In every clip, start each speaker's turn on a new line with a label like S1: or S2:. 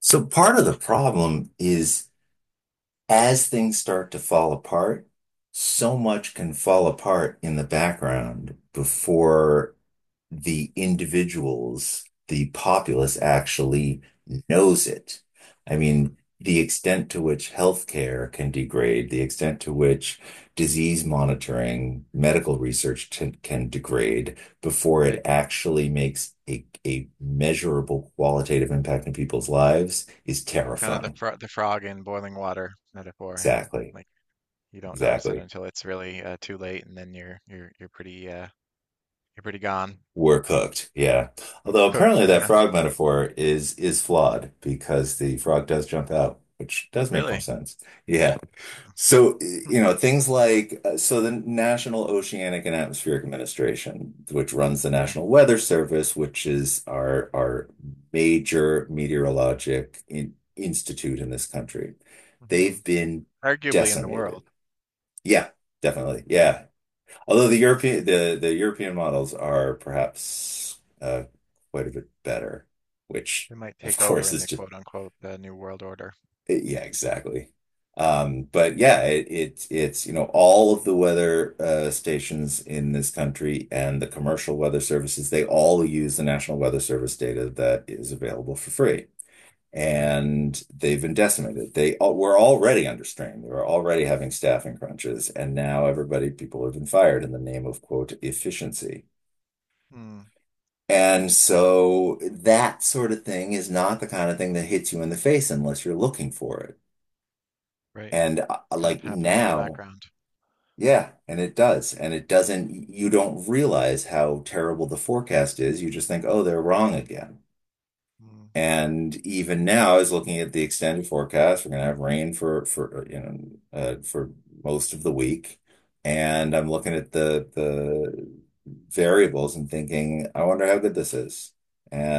S1: So part of the problem is as things start to fall apart, so much can fall apart in the background before the individuals, the populace actually knows it. I
S2: Mm,
S1: mean, the extent to which healthcare can degrade, the extent to which disease monitoring, medical research can degrade before it
S2: right.
S1: actually makes a measurable qualitative impact in people's lives is
S2: You're kind of the
S1: terrifying.
S2: frog in boiling water metaphor, hey?
S1: Exactly.
S2: Like you don't notice it
S1: Exactly.
S2: until it's really too late, and then you're pretty you're pretty gone.
S1: We're cooked, yeah.
S2: Mm,
S1: Although
S2: cooked.
S1: apparently that
S2: Yeah,
S1: frog metaphor is flawed because the frog does jump out, which does make more
S2: really.
S1: sense. Yeah.
S2: Yeah.
S1: So,
S2: Hmm,
S1: things like so the National Oceanic and Atmospheric Administration, which runs the
S2: yeah.
S1: National Weather Service, which is our major institute in this country, they've
S2: Mhm.
S1: been
S2: Arguably in the world.
S1: decimated. Yeah, definitely.
S2: Yeah,
S1: Yeah. Although the European models are perhaps quite a bit better, which
S2: it might
S1: of
S2: take over
S1: course
S2: in
S1: is
S2: the
S1: just
S2: quote unquote new world order.
S1: yeah, exactly. But yeah, it's all of the weather stations in this country and the commercial weather services they all use the National Weather Service data that is available for free.
S2: Right.
S1: And they've been decimated. They all, were already under strain. They were already having staffing crunches, and now everybody, people have been fired in the name of quote efficiency.
S2: Mm,
S1: And so that sort of thing is not the kind of thing that hits you in the face unless you're looking for it.
S2: right.
S1: And
S2: It's kind of
S1: like
S2: happening in the
S1: now,
S2: background.
S1: yeah, and it does. And it doesn't, you don't realize how terrible the forecast is. You just think, oh, they're wrong again.
S2: Mm,
S1: And even now, I was looking at the extended forecast. We're gonna have rain for you know for most of the week,
S2: mm,
S1: and I'm looking at the variables and thinking, I wonder how good this is.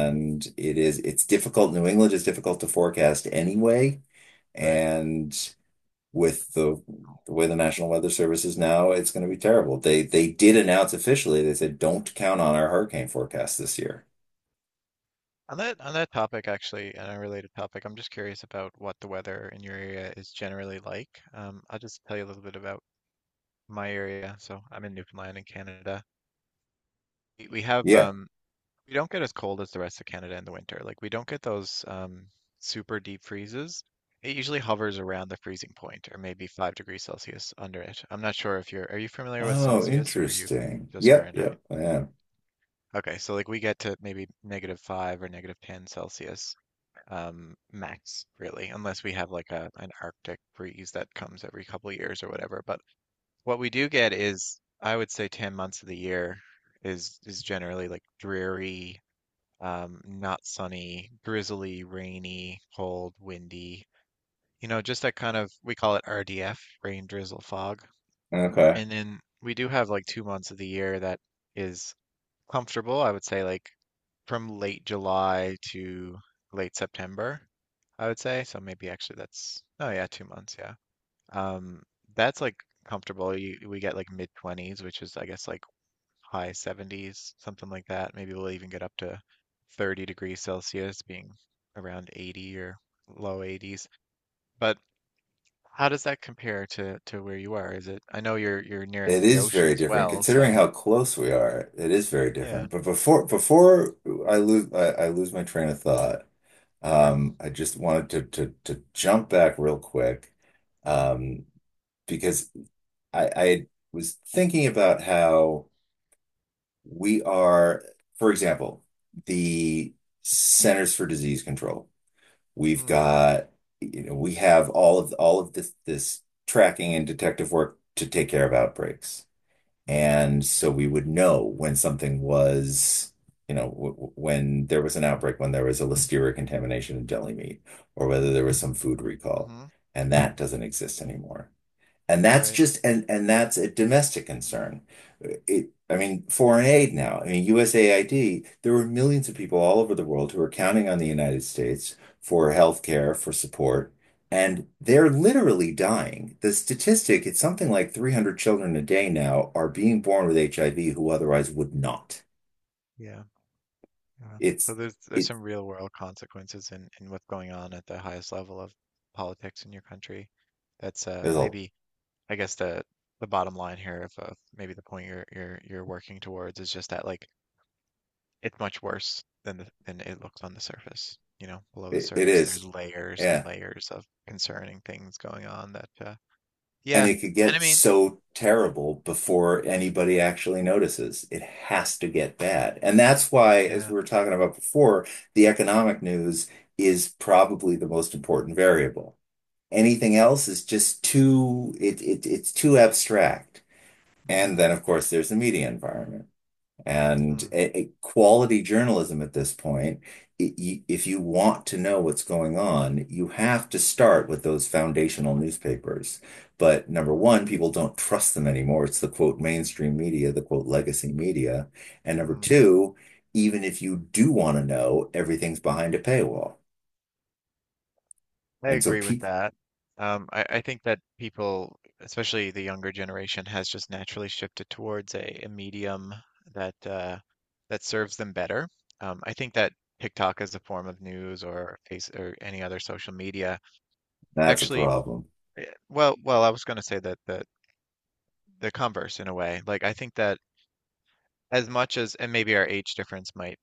S2: mm.
S1: it is it's difficult. New England is difficult to forecast anyway,
S2: Right.
S1: and with the way the National Weather Service is now, it's going to be terrible. They did announce officially. They said, don't count on our hurricane forecast this year.
S2: on that topic, actually, an unrelated topic, I'm just curious about what the weather in your area is generally like. I'll just tell you a little bit about my area. So I'm in Newfoundland in Canada. We have
S1: Yeah.
S2: we don't get as cold as the rest of Canada in the winter. Like we don't get those super deep freezes. It usually hovers around the freezing point, or maybe 5 degrees Celsius under it. I'm not sure if you're are you familiar with
S1: Oh,
S2: Celsius, or are you
S1: interesting.
S2: just
S1: Yep,
S2: Fahrenheit?
S1: yep, I am.
S2: Okay, so like we get to maybe negative five or negative ten Celsius, max, really, unless we have like a an Arctic freeze that comes every couple of years or whatever. But what we do get is, I would say, 10 months of the year is generally like dreary, not sunny, drizzly, rainy, cold, windy. You know, just that kind of, we call it RDF, rain, drizzle, fog.
S1: Okay.
S2: And then we do have like 2 months of the year that is comfortable, I would say, like from late July to late September, I would say. So maybe actually that's, oh yeah, 2 months, yeah. Um, that's like comfortable. We get like mid 20s, which is I guess like high 70s, something like that. Maybe we'll even get up to 30 degrees Celsius, being around 80 or low 80s. But how does that compare to where you are? Is it, I know you're near
S1: It
S2: the
S1: is
S2: ocean
S1: very
S2: as
S1: different
S2: well,
S1: considering
S2: so
S1: how close we are. It is very
S2: yeah,
S1: different. But before I lose my train of thought,
S2: sure.
S1: I just wanted to to jump back real quick,
S2: Mm-hmm.
S1: um, because I was thinking about how we are, for example, the Centers for Disease Control. We've got, you know, we have all of this tracking and detective work to take care of outbreaks.
S2: Mm-hmm.
S1: And so we would know when something was, you know, when there was an outbreak, when there was a listeria contamination in deli meat, or whether there was some food recall.
S2: Mm-hmm.
S1: And that doesn't exist anymore. And that's
S2: Right.
S1: just and and that's a domestic concern. I mean, foreign aid now. I mean, USAID, there were millions of people all over the world who are counting on the United States for
S2: Mm,
S1: healthcare, for support, and they're literally dying. The statistic, it's something like 300 children a day now are being born with HIV who otherwise would not.
S2: yeah. Yeah. So
S1: It's
S2: there's
S1: it,
S2: some real world consequences in what's going on at the highest level of politics in your country. That's uh,
S1: it'll-
S2: maybe I guess the bottom line here of maybe the point you're working towards is just that, like, it's much worse than than it looks on the surface. You know, below the
S1: it
S2: surface there's
S1: is.
S2: layers and
S1: Yeah.
S2: layers of concerning things going on that uh,
S1: And
S2: yeah.
S1: it could
S2: And I
S1: get
S2: mean,
S1: so terrible before anybody actually notices. It has to get bad. And that's why, as
S2: yeah.
S1: we were talking about before, the economic news is probably the most important variable. Anything
S2: Mm,
S1: else is just it's too abstract. And
S2: mm,
S1: then, of course, there's the media environment. And
S2: mhm,
S1: a, a quality journalism at this point, if you want to know what's going on, you have to start with those foundational newspapers. But number
S2: mm,
S1: one, people don't trust them anymore. It's the quote mainstream media, the quote legacy media. And number
S2: mm.
S1: two, even if you do want to know, everything's behind a paywall.
S2: I
S1: And so
S2: agree with
S1: people,
S2: that. I think that people, especially the younger generation, has just naturally shifted towards a medium that that serves them better. I think that TikTok as a form of news or face or any other social media
S1: that's a
S2: actually,
S1: problem.
S2: well, I was going to say that the converse, in a way. Like I think that as much as, and maybe our age difference might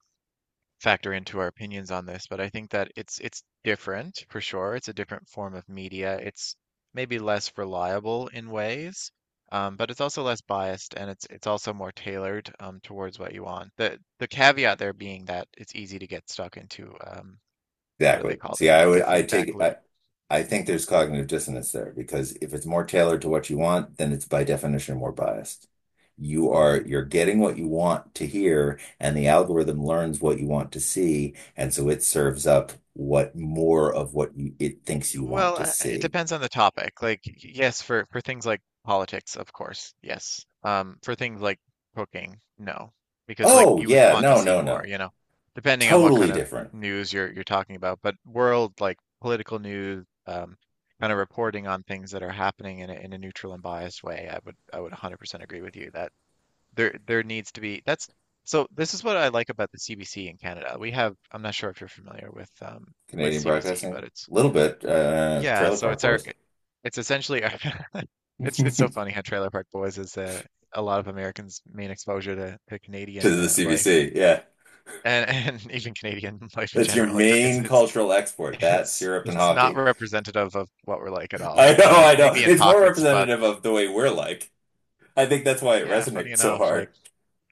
S2: factor into our opinions on this, but I think that it's different for sure. It's a different form of media. It's maybe less reliable in ways, but it's also less biased, and it's also more tailored towards what you want. The caveat there being that it's easy to get stuck into what do they
S1: Exactly.
S2: call
S1: See,
S2: them?
S1: I
S2: Like
S1: would,
S2: a
S1: I
S2: feedback
S1: take,
S2: loop.
S1: I think there's cognitive dissonance there because if it's more tailored to what you want, then it's by definition more biased.
S2: Mm.
S1: You're getting what you want to hear, and the algorithm learns what you want to see, and so it serves up what more of what it thinks you want
S2: Well,
S1: to
S2: it
S1: see.
S2: depends on the topic. Like, yes, for things like politics, of course, yes. For things like cooking, no, because like
S1: Oh,
S2: you would
S1: yeah,
S2: want to
S1: no,
S2: see
S1: no,
S2: more,
S1: no.
S2: you know, depending on what
S1: Totally
S2: kind of
S1: different.
S2: news you're talking about. But world, like political news, kind of reporting on things that are happening in a neutral and biased way, I would, I would 100% agree with you that there needs to be, that's so this is what I like about the CBC in Canada. We have, I'm not sure if you're familiar with um, with
S1: Canadian
S2: CBC, but
S1: broadcasting,
S2: it's
S1: a little bit,
S2: yeah,
S1: Trailer
S2: so
S1: Park
S2: it's our
S1: Boys
S2: it's essentially our- it's so
S1: to
S2: funny how Trailer Park Boys is a lot of Americans' main exposure to Canadian
S1: the
S2: life
S1: CBC. Yeah.
S2: and even Canadian life in
S1: That's your
S2: general. It,
S1: main cultural export, that's
S2: it's
S1: Europe and
S2: it's not
S1: hockey.
S2: representative of what we're like at
S1: I
S2: all.
S1: know, I know.
S2: Maybe in
S1: It's more
S2: pockets, but
S1: representative of the way we're like. I think that's why it
S2: yeah, funny
S1: resonates so
S2: enough, like
S1: hard.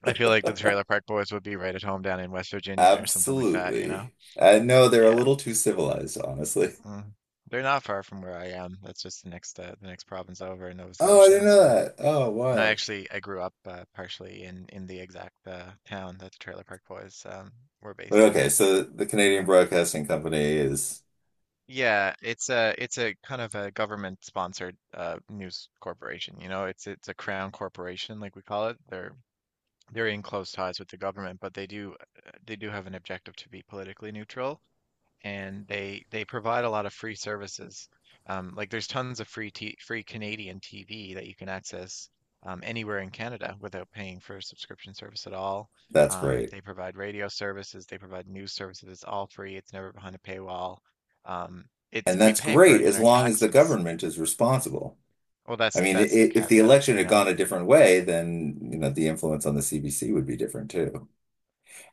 S2: I feel like the Trailer Park Boys would be right at home down in West Virginia or something like that, you know?
S1: Absolutely. I know they're a
S2: Yeah.
S1: little too civilized, honestly.
S2: Mm. They're not far from where I am. That's just the next province over in Nova
S1: Oh, I didn't
S2: Scotia,
S1: know
S2: so.
S1: that. Oh,
S2: And I
S1: wild.
S2: actually I grew up partially in the exact town that the Trailer Park Boys were
S1: But
S2: based in.
S1: okay, so the
S2: Funny
S1: Canadian
S2: enough.
S1: Broadcasting Company is
S2: Yeah, it's a, it's a kind of a government sponsored news corporation. You know, it's a crown corporation, like we call it. They're in close ties with the government, but they do have an objective to be politically neutral, and they provide a lot of free services. Like there's tons of free Canadian TV that you can access anywhere in Canada without paying for a subscription service at all.
S1: that's great.
S2: They provide radio services, they provide news services. It's all free. It's never behind a paywall. Um, it's,
S1: And
S2: we
S1: that's
S2: pay for
S1: great
S2: it in
S1: as
S2: our
S1: long as the
S2: taxes.
S1: government is responsible.
S2: Well,
S1: I mean,
S2: that's the
S1: if the
S2: caveat,
S1: election
S2: you
S1: had
S2: know.
S1: gone a different way, then, you know, the influence on the CBC would be different too.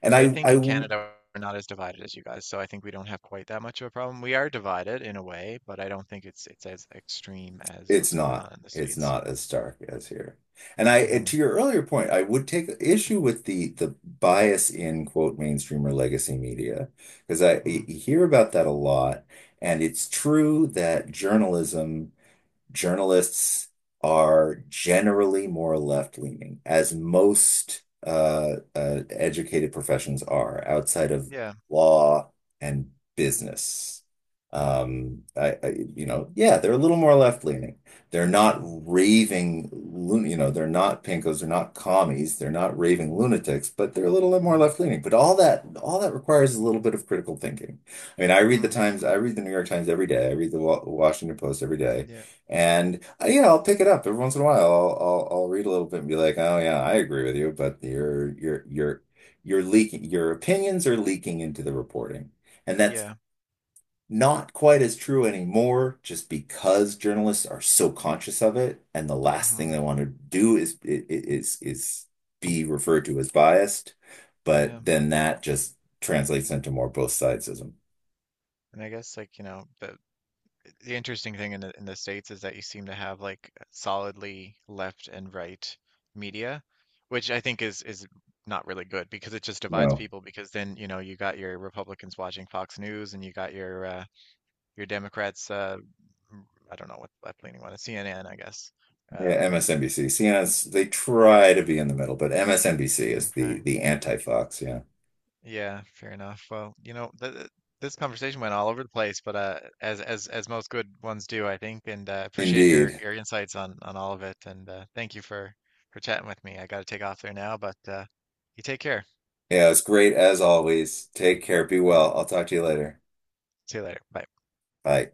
S1: And
S2: But I think
S1: I
S2: in Canada we're not as divided as you guys, so I think we don't have quite that much of a problem. We are divided in a way, but I don't think it's as extreme as
S1: It's
S2: what's going on
S1: not.
S2: in the
S1: It's
S2: States.
S1: not as stark as here. And I, and to
S2: Mhm.
S1: your earlier point, I would take issue with the bias in quote mainstream or legacy media because I
S2: Mm.
S1: hear about that a lot, and it's true that journalism journalists are generally more left-leaning, as most educated professions are outside of
S2: Yeah.
S1: law and business.
S2: Mm.
S1: You know, yeah, they're a little more left-leaning. They're not
S2: Mhm.
S1: raving, lun- you know, they're not pinkos, they're not commies, they're not raving
S2: Mhm.
S1: lunatics, but they're a little more
S2: Mhm.
S1: left-leaning. But all that requires a little bit of critical thinking. I mean, I read the
S2: Mhm.
S1: Times, I read the New York Times every day, I read the Washington Post every day.
S2: Yeah.
S1: And you know, I'll pick it up every once in a while. I'll read a little bit and be like, "Oh yeah, I agree with you," but you're leaking. Your opinions are leaking into the reporting, and that's
S2: Yeah.
S1: not quite as true anymore. Just because journalists are so conscious of it, and the last thing they
S2: Mhm.
S1: want to do is is be referred to as biased.
S2: Yeah.
S1: But then that just translates into more both sidesism.
S2: And I guess like, you know, the interesting thing in the, in the States is that you seem to have like solidly left and right media, which I think is not really good because it just divides
S1: No.
S2: people, because then, you know, you got your Republicans watching Fox News and you got your uh, your Democrats uh, I don't know what left leaning one is, CNN, I guess.
S1: Yeah,
S2: Um,
S1: MSNBC. CNN's they try to be in the middle, but MSNBC is
S2: okay.
S1: the anti-Fox, yeah.
S2: Yeah, fair enough. Well, you know, this conversation went all over the place, but as as most good ones do, I think, and appreciate your
S1: Indeed.
S2: insights on all of it, and thank you for chatting with me. I got to take off there now, but you take care.
S1: Yeah, it's great as always. Take care, be
S2: All right,
S1: well. I'll talk to you later.
S2: see you later. Bye.
S1: Bye.